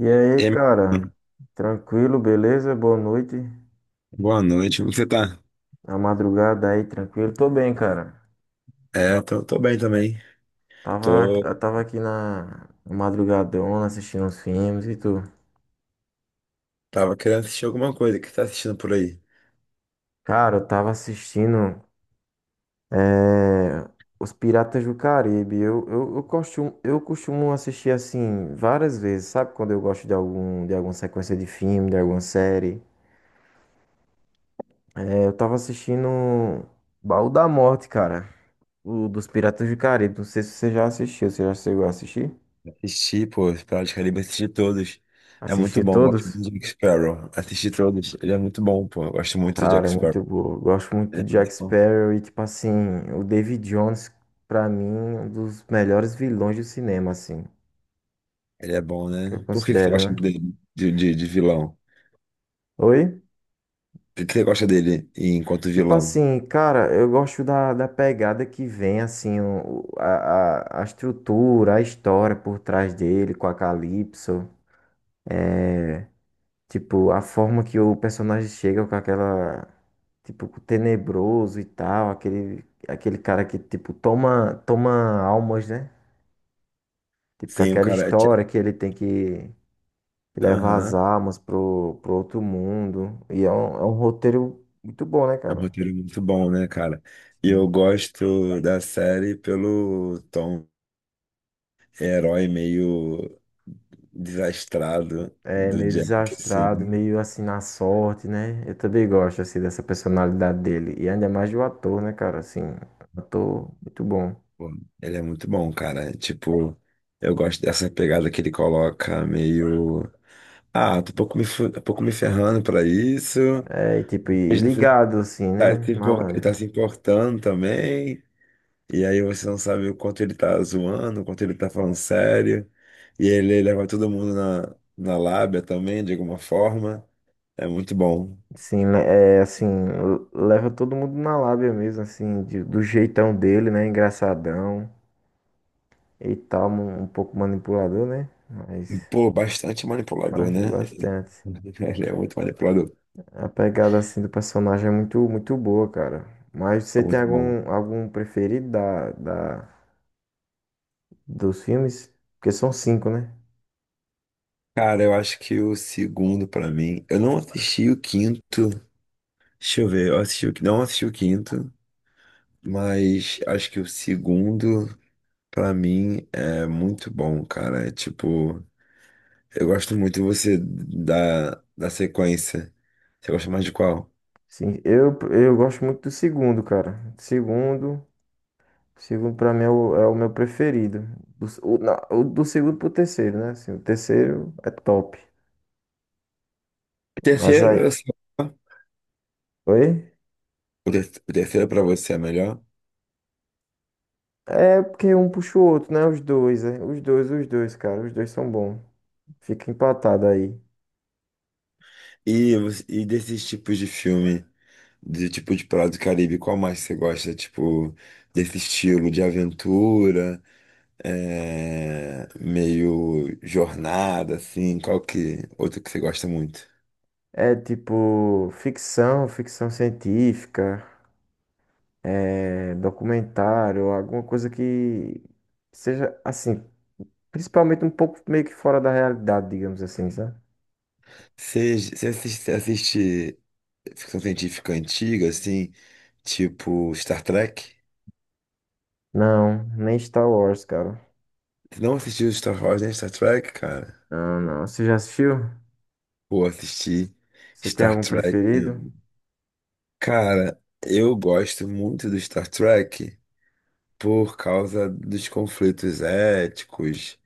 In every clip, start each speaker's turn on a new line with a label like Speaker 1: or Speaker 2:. Speaker 1: E aí,
Speaker 2: E aí,
Speaker 1: cara?
Speaker 2: mano,
Speaker 1: Tranquilo, beleza? Boa noite.
Speaker 2: boa noite, como você tá?
Speaker 1: A madrugada aí, tranquilo? Tô bem, cara.
Speaker 2: Eu tô bem também.
Speaker 1: Tava,
Speaker 2: Tô,
Speaker 1: eu tava aqui na madrugadona assistindo uns filmes e tu.
Speaker 2: tava querendo assistir alguma coisa. O que você tá assistindo por aí?
Speaker 1: Cara, eu tava assistindo eh, Os Piratas do Caribe. Eu costumo assistir assim várias vezes, sabe? Quando eu gosto de algum, de alguma sequência de filme, de alguma série. Eu tava assistindo Baú da Morte, cara. O dos Piratas do Caribe. Não sei se você já assistiu. Você já chegou a assistir?
Speaker 2: Assisti, pô, Piratas do Caribe, assisti todos. É muito
Speaker 1: Assisti
Speaker 2: bom, gosto
Speaker 1: todos?
Speaker 2: muito do Jack Sparrow. Assisti todos, ele é muito bom, pô, eu gosto muito do
Speaker 1: Cara,
Speaker 2: Jack
Speaker 1: é muito
Speaker 2: Sparrow.
Speaker 1: boa. Eu gosto muito
Speaker 2: Ele
Speaker 1: do
Speaker 2: é
Speaker 1: Jack
Speaker 2: muito bom,
Speaker 1: Sparrow e, tipo assim, o David Jones, pra mim, um dos melhores vilões do cinema, assim,
Speaker 2: ele é bom,
Speaker 1: que eu
Speaker 2: né? Por que que você
Speaker 1: considero,
Speaker 2: gosta muito
Speaker 1: né?
Speaker 2: dele, de vilão?
Speaker 1: Oi?
Speaker 2: Por que que você gosta dele enquanto
Speaker 1: Tipo
Speaker 2: vilão?
Speaker 1: assim, cara, eu gosto da pegada que vem, assim, a estrutura, a história por trás dele, com a Calypso. É, tipo, a forma que o personagem chega com aquela, tipo, com o tenebroso e tal, aquele cara que, tipo, toma almas, né? Tipo, com
Speaker 2: Sim, o
Speaker 1: aquela
Speaker 2: cara.
Speaker 1: história que ele tem que levar as
Speaker 2: Aham.
Speaker 1: almas pro outro mundo. E é um roteiro muito bom, né,
Speaker 2: É um
Speaker 1: cara?
Speaker 2: roteiro muito bom, né, cara? E eu
Speaker 1: Sim.
Speaker 2: gosto da série pelo tom. É herói meio desastrado
Speaker 1: É
Speaker 2: do
Speaker 1: meio
Speaker 2: Jack,
Speaker 1: desastrado,
Speaker 2: assim.
Speaker 1: meio assim na sorte, né? Eu também gosto, assim, dessa personalidade dele. E ainda mais do ator, né, cara? Assim, um ator muito bom.
Speaker 2: Pô, ele é muito bom, cara. Tipo, eu gosto dessa pegada que ele coloca meio. Ah, tô um pouco me, tô pouco me ferrando pra isso.
Speaker 1: É, e tipo, e
Speaker 2: Mas no final
Speaker 1: ligado, assim,
Speaker 2: ele
Speaker 1: né?
Speaker 2: tá se impor- ele
Speaker 1: Malandro.
Speaker 2: tá se importando também. E aí você não sabe o quanto ele tá zoando, o quanto ele tá falando sério. E ele leva todo mundo na lábia também, de alguma forma. É muito bom.
Speaker 1: Sim, né, é assim, leva todo mundo na lábia mesmo, assim, de- do jeitão dele, né? Engraçadão e tal, um pouco manipulador, né? Mas
Speaker 2: Pô, bastante manipulador, né?
Speaker 1: bastante.
Speaker 2: Ele é muito manipulador.
Speaker 1: A pegada assim do personagem é muito, muito boa, cara. Mas você
Speaker 2: É
Speaker 1: tem
Speaker 2: muito bom.
Speaker 1: algum, algum preferido dos filmes? Porque são cinco, né?
Speaker 2: Cara, eu acho que o segundo pra mim. Eu não assisti o quinto. Deixa eu ver, eu não assisti o quinto, mas acho que o segundo pra mim é muito bom, cara. É tipo, eu gosto muito você da sequência. Você gosta mais de qual?
Speaker 1: Sim, eu gosto muito do segundo, cara. Segundo. O segundo pra mim é o meu preferido. Do, s- o, na- o do segundo pro terceiro, né? Assim, o terceiro é top.
Speaker 2: O
Speaker 1: Mas
Speaker 2: terceiro,
Speaker 1: aí.
Speaker 2: eu sei.
Speaker 1: Oi?
Speaker 2: O terceiro pra você é melhor.
Speaker 1: É porque um puxa o outro, né? Os dois, é. Os dois, cara. Os dois são bons. Fica empatado aí.
Speaker 2: E, e desses tipos de filme. De tipo de prato do Caribe, qual mais você gosta? Tipo, desse estilo de aventura, é, meio jornada, assim, qual que outro que você gosta muito?
Speaker 1: É tipo ficção, ficção científica, é, documentário, alguma coisa que seja assim, principalmente um pouco meio que fora da realidade, digamos assim, sabe?
Speaker 2: Você assiste ficção científica antiga, assim, tipo Star Trek?
Speaker 1: Não, nem Star Wars, cara.
Speaker 2: Você não assistiu Star Wars nem Star Trek, cara?
Speaker 1: Não, não. Você já assistiu?
Speaker 2: Pô, assisti
Speaker 1: Você tem
Speaker 2: Star
Speaker 1: algum
Speaker 2: Trek,
Speaker 1: preferido?
Speaker 2: né? Cara, eu gosto muito do Star Trek, por causa dos conflitos éticos,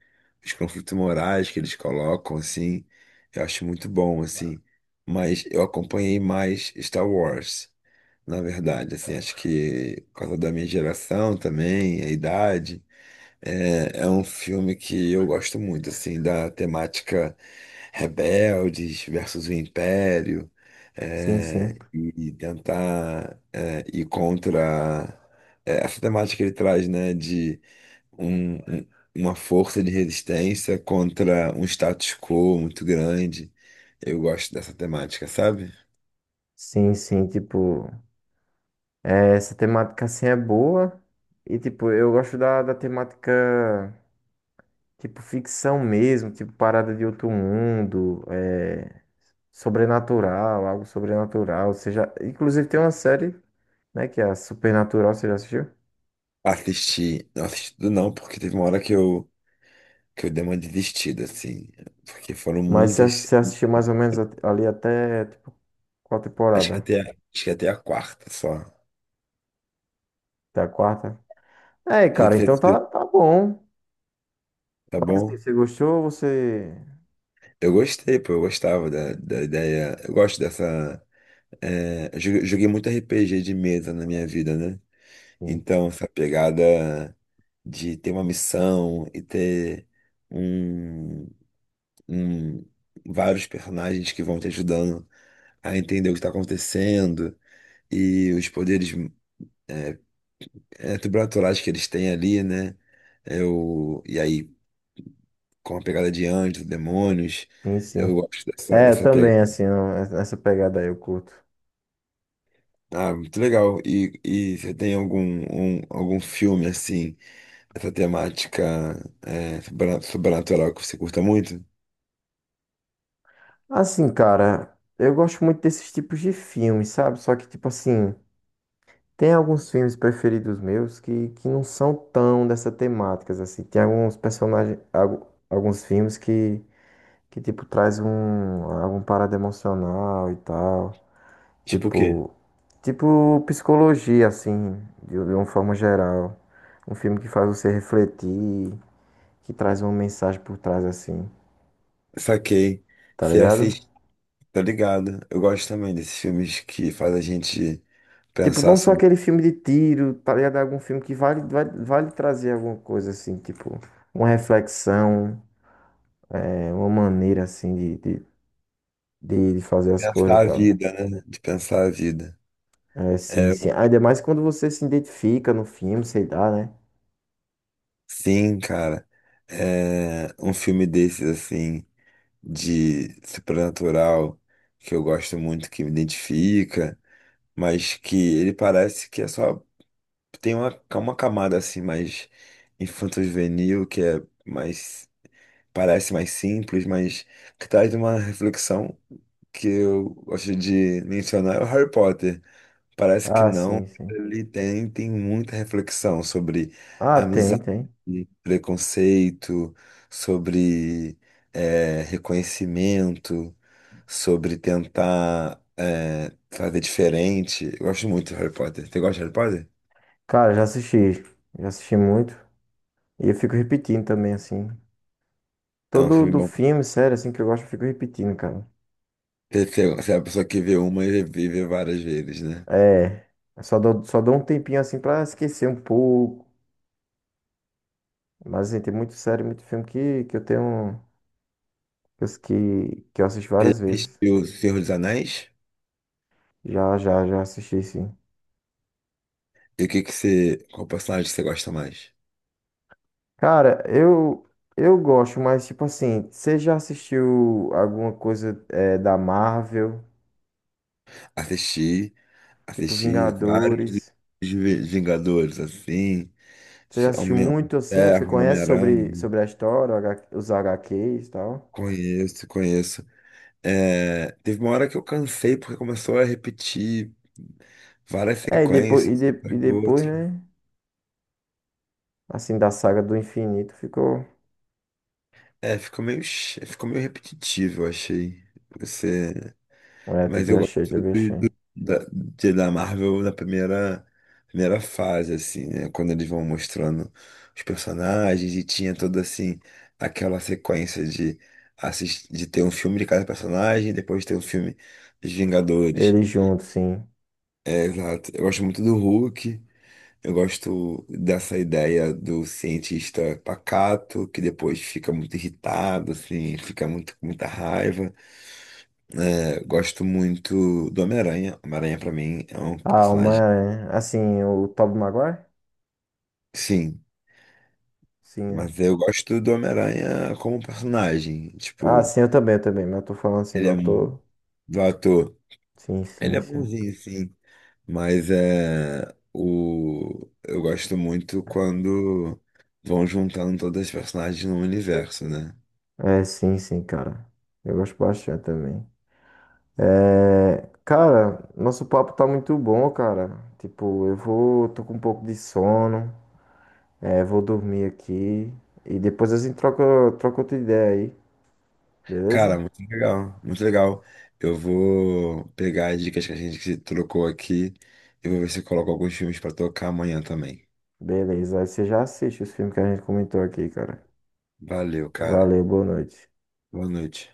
Speaker 2: os conflitos morais que eles colocam, assim, eu acho muito bom, assim. Mas eu acompanhei mais Star Wars, na verdade, assim, acho que por causa da minha geração também, a idade. É, é um filme que eu gosto muito, assim, da temática rebeldes versus o império,
Speaker 1: Sim,
Speaker 2: é,
Speaker 1: sim.
Speaker 2: e tentar ir contra essa temática que ele traz, né, de um- um- uma força de resistência contra um status quo muito grande. Eu gosto dessa temática, sabe?
Speaker 1: Sim, sim, tipo, é, essa temática assim é boa. E tipo, eu gosto da temática tipo ficção mesmo, tipo parada de outro mundo, é, sobrenatural, algo sobrenatural. Você já, inclusive tem uma série, né, que é a Supernatural, você já assistiu?
Speaker 2: Assisti, não assisti tudo não, porque teve uma hora que eu dei uma desistida, assim, porque foram
Speaker 1: Mas você
Speaker 2: muitas.
Speaker 1: você assistiu mais ou menos ali até tipo qual
Speaker 2: Acho que
Speaker 1: temporada?
Speaker 2: até, acho que até a quarta só.
Speaker 1: Até a quarta? É,
Speaker 2: Que-
Speaker 1: cara,
Speaker 2: que-
Speaker 1: então tá,
Speaker 2: que-
Speaker 1: tá bom.
Speaker 2: Tá
Speaker 1: Mas assim,
Speaker 2: bom?
Speaker 1: você gostou, você
Speaker 2: Eu gostei, pô, eu gostava da ideia. Eu gosto dessa. Eu joguei muito RPG de mesa na minha vida, né?
Speaker 1: sim,
Speaker 2: Então, essa pegada de ter uma missão e ter um, um- vários personagens que vão te ajudando a entender o que está acontecendo e os poderes é, sobrenaturais que eles têm ali, né? Eu, e aí com a pegada de anjos, demônios.
Speaker 1: sim.
Speaker 2: Eu
Speaker 1: Sim.
Speaker 2: gosto
Speaker 1: É, eu
Speaker 2: dessa
Speaker 1: também,
Speaker 2: pegada.
Speaker 1: assim, não- essa pegada aí eu curto.
Speaker 2: Ah, muito legal. E você tem algum filme assim, dessa temática sobrenatural que você curta muito?
Speaker 1: Assim, cara, eu gosto muito desses tipos de filmes, sabe? Só que, tipo assim, tem alguns filmes preferidos meus que não são tão dessa temática, assim. Tem alguns personagens, alguns filmes que tipo, traz um, algum parada emocional e tal.
Speaker 2: Tipo o quê?
Speaker 1: Tipo, tipo psicologia, assim, de uma forma geral. Um filme que faz você refletir, que traz uma mensagem por trás assim,
Speaker 2: Saquei.
Speaker 1: tá
Speaker 2: Você
Speaker 1: ligado?
Speaker 2: assiste, tá ligado? Eu gosto também desses filmes que faz a gente
Speaker 1: Tipo,
Speaker 2: pensar
Speaker 1: não só
Speaker 2: sobre.
Speaker 1: aquele filme de tiro, tá ligado? Algum filme que vale trazer alguma coisa assim, tipo, uma reflexão, é, uma maneira assim de fazer as coisas
Speaker 2: Pensar
Speaker 1: e
Speaker 2: a
Speaker 1: tal.
Speaker 2: vida, né? De pensar a vida.
Speaker 1: É, sim,
Speaker 2: É, eu-
Speaker 1: sim. Ainda mais quando você se identifica no filme, sei lá, né?
Speaker 2: sim, cara. É, um filme desses, assim, de sobrenatural que eu gosto muito, que me identifica, mas que ele parece que é só tem uma camada assim mais infanto-juvenil, que é mais parece mais simples, mas que traz uma reflexão que eu gosto de mencionar é o Harry Potter. Parece que
Speaker 1: Ah,
Speaker 2: não.
Speaker 1: sim, sim.
Speaker 2: Ele tem, tem muita reflexão sobre
Speaker 1: Ah, tem,
Speaker 2: amizade,
Speaker 1: tem.
Speaker 2: preconceito, sobre reconhecimento, sobre tentar fazer diferente. Eu gosto muito de Harry Potter. Você gosta de Harry Potter?
Speaker 1: Cara, já assisti. Já assisti muito. E eu fico repetindo também, assim.
Speaker 2: É um
Speaker 1: Todo
Speaker 2: filme
Speaker 1: do
Speaker 2: bom.
Speaker 1: filme, sério, assim, que eu gosto, eu fico repetindo, cara.
Speaker 2: Você é a pessoa que vê uma e vive várias vezes, né?
Speaker 1: É, só dou um tempinho assim pra esquecer um pouco. Mas assim, tem muito série, muito filme que eu tenho. Que, que eu assisti
Speaker 2: Você já
Speaker 1: várias vezes.
Speaker 2: assistiu O Senhor dos Anéis?
Speaker 1: Já, já, já assisti, sim.
Speaker 2: E o que que você. Qual personagem que você gosta mais?
Speaker 1: Cara, eu gosto, mas tipo assim, você já assistiu alguma coisa é, da Marvel?
Speaker 2: Assisti.
Speaker 1: Tipo
Speaker 2: Assisti vários dos
Speaker 1: Vingadores?
Speaker 2: Vingadores, assim,
Speaker 1: Você já assistiu
Speaker 2: Homem-
Speaker 1: muito assim? Você
Speaker 2: Terra,
Speaker 1: conhece sobre,
Speaker 2: Homem-Aranha.
Speaker 1: sobre a história, o os HQs e tal?
Speaker 2: Conheço, conheço. É, teve uma hora que eu cansei porque começou a repetir várias
Speaker 1: É, e depois,
Speaker 2: sequências, uma
Speaker 1: e
Speaker 2: atrás do
Speaker 1: depois,
Speaker 2: outro.
Speaker 1: né? Assim, da saga do infinito ficou.
Speaker 2: É, ficou meio, ficou meio repetitivo, eu achei. Você.
Speaker 1: É,
Speaker 2: Mas
Speaker 1: também
Speaker 2: eu gosto
Speaker 1: achei, também achei.
Speaker 2: da Marvel na primeira fase, assim, né? Quando eles vão mostrando os personagens e tinha toda, assim, aquela sequência assistir, de ter um filme de cada personagem, depois ter um filme dos Vingadores.
Speaker 1: Eles juntos, sim.
Speaker 2: É, exato. Eu gosto muito do Hulk, eu gosto dessa ideia do cientista pacato, que depois fica muito irritado, assim, fica muito, com muita raiva. É, gosto muito do Homem-Aranha. Homem-Aranha, pra mim, é um
Speaker 1: Ah, uma
Speaker 2: personagem.
Speaker 1: é. Assim, o Tobey Maguire?
Speaker 2: Sim,
Speaker 1: Sim, é.
Speaker 2: mas eu gosto do Homem-Aranha como personagem.
Speaker 1: Ah,
Speaker 2: Tipo,
Speaker 1: sim, eu também, eu também. Mas eu tô falando assim
Speaker 2: ele
Speaker 1: do
Speaker 2: é um.
Speaker 1: ator.
Speaker 2: Do ator.
Speaker 1: Sim,
Speaker 2: Ele
Speaker 1: sim,
Speaker 2: é
Speaker 1: sim.
Speaker 2: bonzinho, sim. Mas é. O... Eu gosto muito quando vão juntando todas as personagens no universo, né?
Speaker 1: É, sim, sim, cara. Eu gosto bastante também. É. Cara, nosso papo tá muito bom, cara. Tipo, eu vou. Tô com um pouco de sono. É, vou dormir aqui. E depois a gente troca, troca outra ideia aí,
Speaker 2: Cara,
Speaker 1: beleza?
Speaker 2: muito legal. Muito legal. Eu vou pegar as dicas que a gente se trocou aqui e vou ver se eu coloco alguns filmes pra tocar amanhã também.
Speaker 1: Beleza. Aí você já assiste os filmes que a gente comentou aqui, cara.
Speaker 2: Valeu, cara.
Speaker 1: Valeu, boa noite.
Speaker 2: Boa noite.